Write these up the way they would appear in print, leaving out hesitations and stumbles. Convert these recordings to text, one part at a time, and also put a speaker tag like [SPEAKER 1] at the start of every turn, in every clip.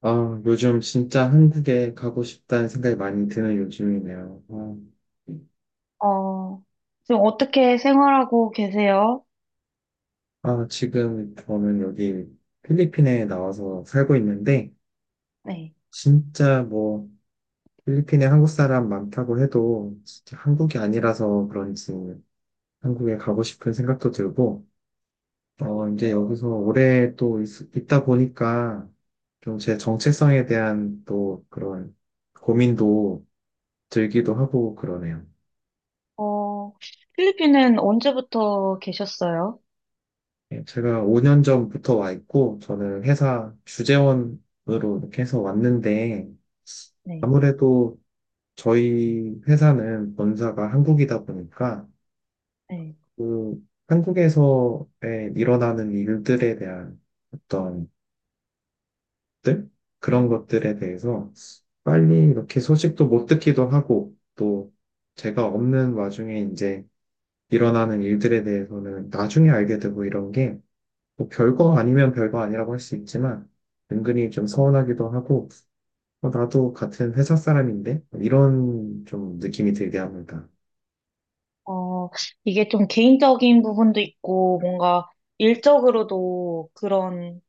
[SPEAKER 1] 아, 요즘 진짜 한국에 가고 싶다는 생각이 많이 드는 요즘이네요.
[SPEAKER 2] 어, 지금 어떻게 생활하고 계세요?
[SPEAKER 1] 아, 지금 저는 여기 필리핀에 나와서 살고 있는데,
[SPEAKER 2] 네.
[SPEAKER 1] 진짜 뭐, 필리핀에 한국 사람 많다고 해도, 진짜 한국이 아니라서 그런지 한국에 가고 싶은 생각도 들고, 어, 이제 여기서 오래 또 있다 보니까, 좀 제 정체성에 대한 또 그런 고민도 들기도 하고 그러네요.
[SPEAKER 2] 어, 필리핀은 언제부터 계셨어요?
[SPEAKER 1] 예, 제가 5년 전부터 와 있고, 저는 회사 주재원으로 이렇게 해서 왔는데,
[SPEAKER 2] 네.
[SPEAKER 1] 아무래도 저희 회사는 본사가 한국이다 보니까,
[SPEAKER 2] 네.
[SPEAKER 1] 그 한국에서 일어나는 일들에 대한 어떤 것들? 그런 것들에 대해서 빨리 이렇게 소식도 못 듣기도 하고, 또 제가 없는 와중에 이제 일어나는 일들에 대해서는 나중에 알게 되고 이런 게 뭐 별거 아니면 별거 아니라고 할 수 있지만 은근히 좀 서운하기도 하고 어, 나도 같은 회사 사람인데 이런 좀 느낌이 들게 합니다.
[SPEAKER 2] 어, 이게 좀 개인적인 부분도 있고, 뭔가 일적으로도 그런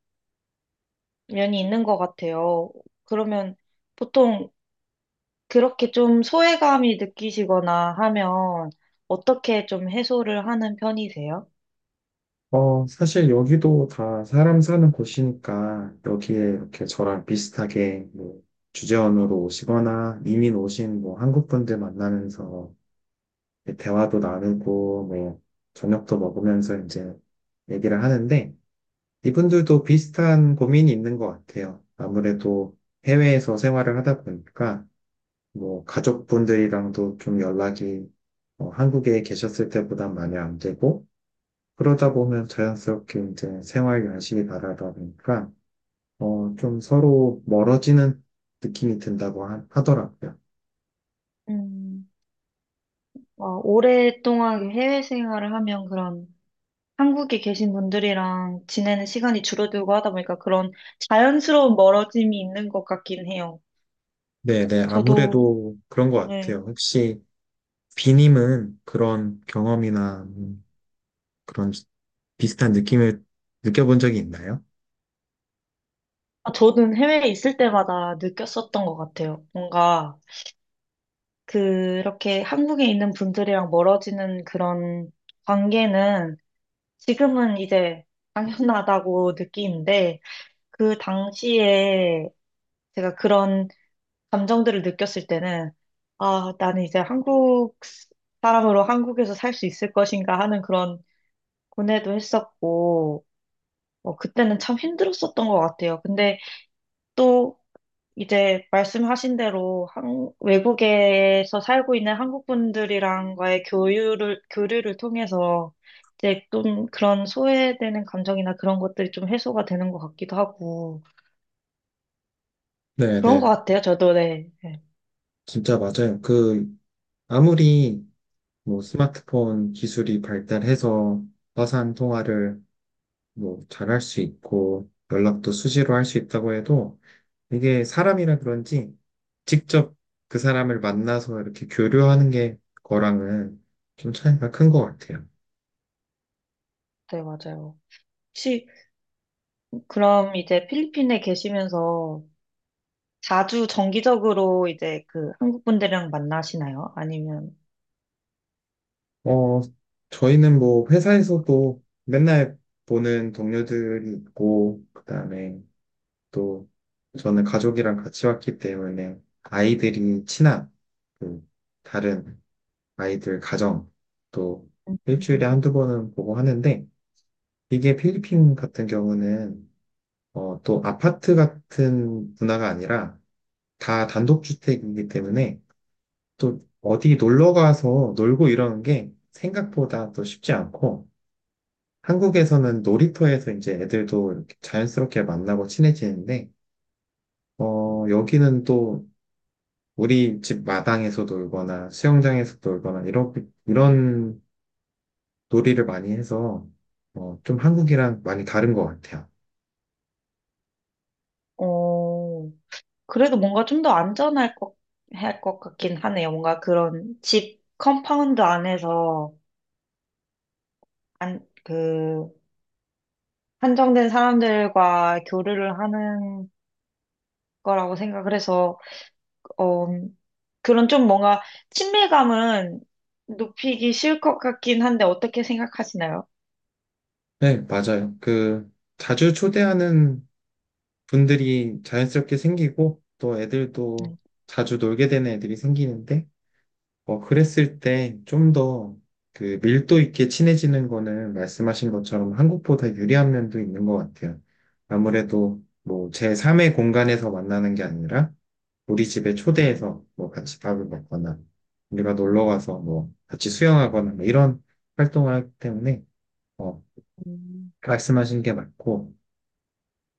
[SPEAKER 2] 면이 있는 것 같아요. 그러면 보통 그렇게 좀 소외감이 느끼시거나 하면 어떻게 좀 해소를 하는 편이세요?
[SPEAKER 1] 어, 사실 여기도 다 사람 사는 곳이니까 여기에 이렇게 저랑 비슷하게 뭐 주재원으로 오시거나 이민 오신 뭐 한국 분들 만나면서 대화도 나누고 뭐 저녁도 먹으면서 이제 얘기를 하는데 이분들도 비슷한 고민이 있는 것 같아요. 아무래도 해외에서 생활을 하다 보니까 뭐 가족분들이랑도 좀 연락이 어, 한국에 계셨을 때보다 많이 안 되고 그러다 보면 자연스럽게 이제 생활 연식이 다르다 보니까 어, 좀 서로 멀어지는 느낌이 든다고 하더라고요.
[SPEAKER 2] 음, 어, 오랫동안 해외 생활을 하면 그런 한국에 계신 분들이랑 지내는 시간이 줄어들고 하다 보니까 그런 자연스러운 멀어짐이 있는 것 같긴 해요.
[SPEAKER 1] 네네,
[SPEAKER 2] 저도,
[SPEAKER 1] 아무래도 그런 것
[SPEAKER 2] 네.
[SPEAKER 1] 같아요. 혹시 비님은 그런 경험이나 그런 비슷한 느낌을 느껴본 적이 있나요?
[SPEAKER 2] 아, 저는 해외에 있을 때마다 느꼈었던 것 같아요. 뭔가 그렇게 한국에 있는 분들이랑 멀어지는 그런 관계는 지금은 이제 당연하다고 느끼는데 그 당시에 제가 그런 감정들을 느꼈을 때는, 아, 나는 이제 한국 사람으로 한국에서 살 수 있을 것인가 하는 그런 고뇌도 했었고, 어, 그때는 참 힘들었었던 것 같아요. 근데 또 이제 말씀하신 대로 외국에서 살고 있는 한국 분들이랑과의 교류를 통해서 이제 좀 그런 소외되는 감정이나 그런 것들이 좀 해소가 되는 것 같기도 하고,
[SPEAKER 1] 네,
[SPEAKER 2] 그런 것
[SPEAKER 1] 네.
[SPEAKER 2] 같아요. 저도 네. 네,
[SPEAKER 1] 진짜 맞아요. 그, 아무리 뭐 스마트폰 기술이 발달해서 화상 통화를 뭐 잘할 수 있고 연락도 수시로 할 수 있다고 해도 이게 사람이라 그런지 직접 그 사람을 만나서 이렇게 교류하는 게 거랑은 좀 차이가 큰 것 같아요.
[SPEAKER 2] 네, 맞아요. 혹시 그럼 이제 필리핀에 계시면서 자주 정기적으로 이제 그 한국 분들이랑 만나시나요? 아니면,
[SPEAKER 1] 어, 저희는 뭐 회사에서도 맨날 보는 동료들이 있고, 그다음에 또 저는 가족이랑 같이 왔기 때문에 아이들이 친한 그 다른 아이들 가정 또 일주일에
[SPEAKER 2] 음.
[SPEAKER 1] 한두 번은 보고 하는데 이게 필리핀 같은 경우는 어, 또 아파트 같은 문화가 아니라 다 단독주택이기 때문에 또 어디 놀러 가서 놀고 이러는 게 생각보다 또 쉽지 않고 한국에서는 놀이터에서 이제 애들도 이렇게 자연스럽게 만나고 친해지는데 어, 여기는 또 우리 집 마당에서 놀거나 수영장에서 놀거나 이렇게 이런 놀이를 많이 해서 어, 좀 한국이랑 많이 다른 것 같아요.
[SPEAKER 2] 어, 그래도 뭔가 좀 더 할 것 같긴 하네요. 뭔가 그런 집 컴파운드 안에서 안, 그, 한정된 사람들과 교류를 하는 거라고 생각을 해서, 어, 그런 좀 뭔가 친밀감은 높이기 쉬울 것 같긴 한데 어떻게 생각하시나요?
[SPEAKER 1] 네, 맞아요. 그 자주 초대하는 분들이 자연스럽게 생기고 또 애들도
[SPEAKER 2] 음.
[SPEAKER 1] 자주 놀게 되는 애들이 생기는데 어, 그랬을 때 좀 더 그 밀도 있게 친해지는 거는 말씀하신 것처럼 한국보다 유리한 면도 있는 것 같아요. 아무래도 뭐 제3의 공간에서 만나는 게 아니라 우리 집에 초대해서 뭐 같이 밥을 먹거나 우리가 놀러 가서 뭐 같이 수영하거나 뭐 이런 활동을 하기 때문에 어,
[SPEAKER 2] 음.
[SPEAKER 1] 말씀하신 게 맞고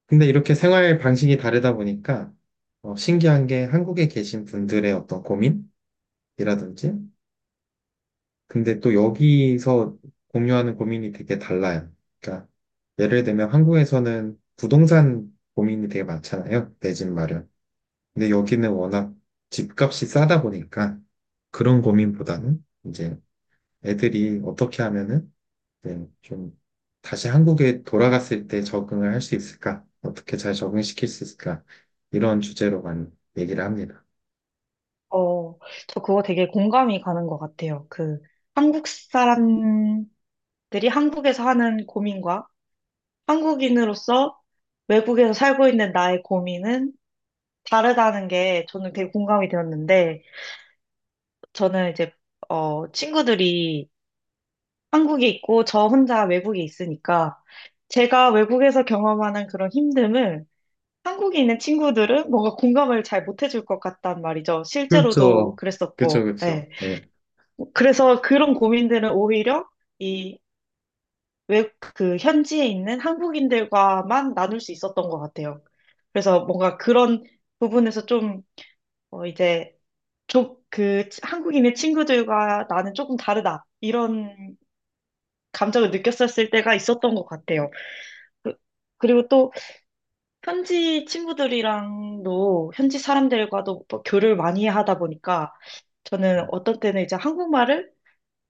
[SPEAKER 1] 근데 이렇게 생활 방식이 다르다 보니까 어, 신기한 게 한국에 계신 분들의 어떤 고민이라든지 근데 또 여기서 공유하는 고민이 되게 달라요. 그러니까 예를 들면 한국에서는 부동산 고민이 되게 많잖아요. 내 집 마련. 근데 여기는 워낙 집값이 싸다 보니까 그런 고민보다는 이제 애들이 어떻게 하면은 이제 좀 다시 한국에 돌아갔을 때 적응을 할 수 있을까? 어떻게 잘 적응시킬 수 있을까? 이런 주제로 많이 얘기를 합니다.
[SPEAKER 2] 어, 저 그거 되게 공감이 가는 것 같아요. 그, 한국 사람들이 한국에서 하는 고민과 한국인으로서 외국에서 살고 있는 나의 고민은 다르다는 게 저는 되게 공감이 되었는데, 저는 이제, 어, 친구들이 한국에 있고 저 혼자 외국에 있으니까, 제가 외국에서 경험하는 그런 힘듦을 한국에 있는 친구들은 뭔가 공감을 잘 못해줄 것 같단 말이죠. 실제로도
[SPEAKER 1] 그렇죠. 그렇죠,
[SPEAKER 2] 그랬었고,
[SPEAKER 1] 그렇죠.
[SPEAKER 2] 예.
[SPEAKER 1] 네.
[SPEAKER 2] 그래서 그런 고민들은 오히려 이 외국 그 현지에 있는 한국인들과만 나눌 수 있었던 것 같아요. 그래서 뭔가 그런 부분에서 좀 어, 이제 좀그 한국인의 친구들과 나는 조금 다르다 이런 감정을 느꼈었을 때가 있었던 것 같아요. 그, 그리고 또 현지 친구들이랑도 현지 사람들과도 뭐 교류를 많이 하다 보니까 저는 어떤 때는 이제 한국말을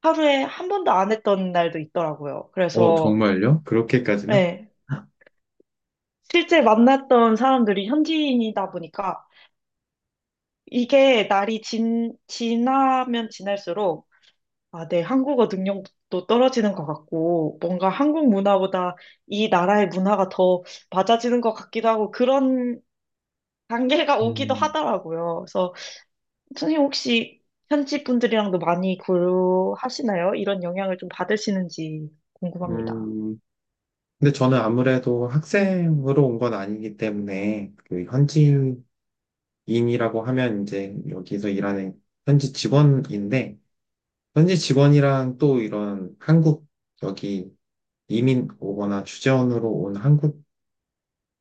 [SPEAKER 2] 하루에 한 번도 안 했던 날도 있더라고요.
[SPEAKER 1] 어,
[SPEAKER 2] 그래서,
[SPEAKER 1] 정말요? 그렇게까지나?
[SPEAKER 2] 예, 실제 만났던 사람들이 현지인이다 보니까 이게 지나면 지날수록 아, 내 한국어 능력도 떨어지는 것 같고 뭔가 한국 문화보다 이 나라의 문화가 더 맞아지는 것 같기도 하고 그런 단계가 오기도
[SPEAKER 1] 음,
[SPEAKER 2] 하더라고요. 그래서 선생님 혹시 현지 분들이랑도 많이 교류하시나요? 이런 영향을 좀 받으시는지 궁금합니다.
[SPEAKER 1] 음. 근데 저는 아무래도 학생으로 온 건 아니기 때문에 그 현지인이라고 하면 이제 여기서 일하는 현지 직원인데 현지 직원이랑 또 이런 한국 여기 이민 오거나 주재원으로 온 한국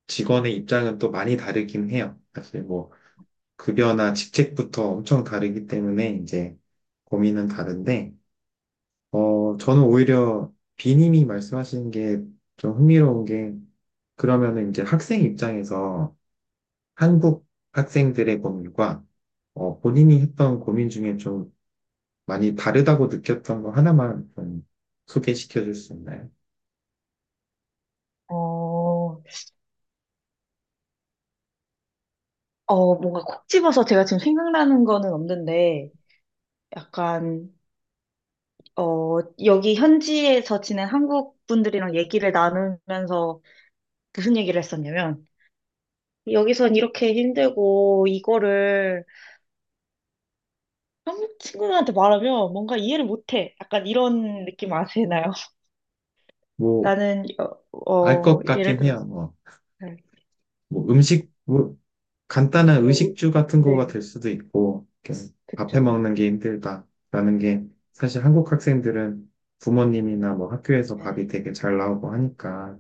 [SPEAKER 1] 직원의 입장은 또 많이 다르긴 해요. 사실 뭐 급여나 직책부터 엄청 다르기 때문에 이제 고민은 다른데 어, 저는 오히려 비님이 말씀하신 게 좀 흥미로운 게 그러면은 이제 학생 입장에서 한국 학생들의 고민과 어, 본인이 했던 고민 중에 좀 많이 다르다고 느꼈던 거 하나만 좀 소개시켜 줄 수 있나요?
[SPEAKER 2] 어, 뭔가 콕 집어서 제가 지금 생각나는 거는 없는데, 약간, 어, 여기 현지에서 지낸 한국 분들이랑 얘기를 나누면서 무슨 얘기를 했었냐면, 여기선 이렇게 힘들고, 이거를 한국 친구들한테 말하면 뭔가 이해를 못해. 약간 이런 느낌 아시나요?
[SPEAKER 1] 뭐,
[SPEAKER 2] 나는,
[SPEAKER 1] 알 것
[SPEAKER 2] 예를
[SPEAKER 1] 같긴 해요.
[SPEAKER 2] 들어서,
[SPEAKER 1] 뭐,
[SPEAKER 2] 네,
[SPEAKER 1] 뭐 음식, 뭐 간단한
[SPEAKER 2] 뭐,
[SPEAKER 1] 의식주 같은 거가
[SPEAKER 2] 네,
[SPEAKER 1] 될 수도 있고, 이렇게 밥해
[SPEAKER 2] 그쵸.
[SPEAKER 1] 먹는 게 힘들다라는 게 사실 한국 학생들은 부모님이나 뭐 학교에서
[SPEAKER 2] 네,
[SPEAKER 1] 밥이 되게 잘 나오고 하니까.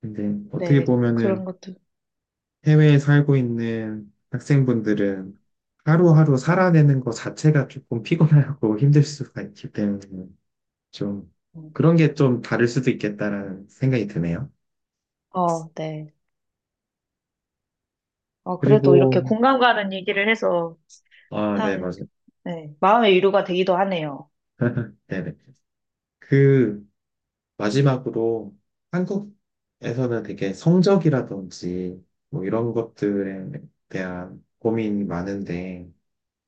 [SPEAKER 1] 근데 어떻게
[SPEAKER 2] 네, 그런
[SPEAKER 1] 보면은
[SPEAKER 2] 것도.
[SPEAKER 1] 해외에 살고 있는 학생분들은 하루하루 살아내는 거 자체가 조금 피곤하고 힘들 수가 있기 때문에 좀 그런 게 좀 다를 수도 있겠다라는 생각이 드네요.
[SPEAKER 2] 어, 네. 어, 그래도
[SPEAKER 1] 그리고,
[SPEAKER 2] 이렇게 공감 가는 얘기를 해서
[SPEAKER 1] 아, 네,
[SPEAKER 2] 참,
[SPEAKER 1] 맞아요.
[SPEAKER 2] 네, 마음의 위로가 되기도 하네요.
[SPEAKER 1] 네네. 그, 마지막으로 한국에서는 되게 성적이라든지 뭐 이런 것들에 대한 고민이 많은데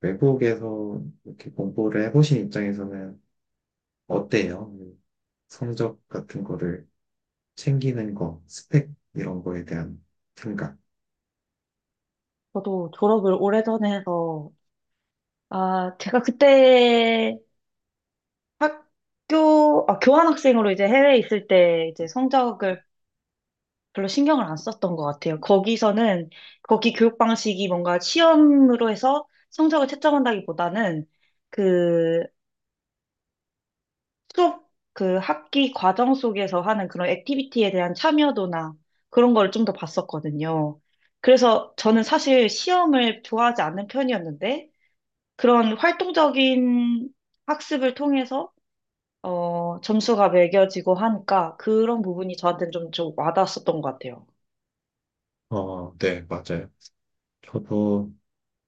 [SPEAKER 1] 외국에서 이렇게 공부를 해보신 입장에서는 어때요? 성적 같은 거를 챙기는 거, 스펙 이런 거에 대한 생각.
[SPEAKER 2] 저도 졸업을 오래전에 해서, 아, 제가 그때 아, 교환학생으로 이제 해외에 있을 때 이제 성적을 별로 신경을 안 썼던 것 같아요. 거기서는, 거기 교육 방식이 뭔가 시험으로 해서 성적을 채점한다기보다는 그 수업 그 학기 과정 속에서 하는 그런 액티비티에 대한 참여도나 그런 걸 좀 더 봤었거든요. 그래서 저는 사실 시험을 좋아하지 않는 편이었는데 그런 활동적인 학습을 통해서 어, 점수가 매겨지고 하니까 그런 부분이 저한테는 좀 와닿았었던 것 같아요.
[SPEAKER 1] 어, 네, 맞아요. 저도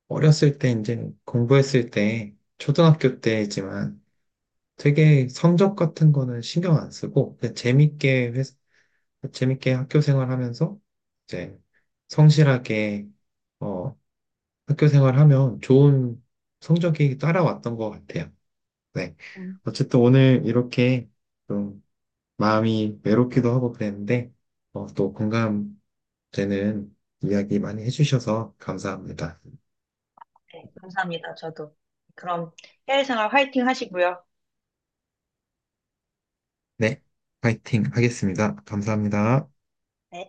[SPEAKER 1] 어렸을 때 이제 공부했을 때 초등학교 때지만 되게 성적 같은 거는 신경 안 쓰고 그냥 재밌게 재밌게 학교 생활하면서 이제 성실하게 어, 학교 생활하면 좋은 성적이 따라왔던 것 같아요. 네.
[SPEAKER 2] 음,
[SPEAKER 1] 어쨌든 오늘 이렇게 좀 마음이 외롭기도 하고 그랬는데 어, 또 공감되는 이야기 많이 해주셔서 감사합니다.
[SPEAKER 2] 네, 감사합니다. 저도. 그럼 해외 생활 화이팅 하시고요.
[SPEAKER 1] 네. 파이팅 하겠습니다. 감사합니다.
[SPEAKER 2] 네.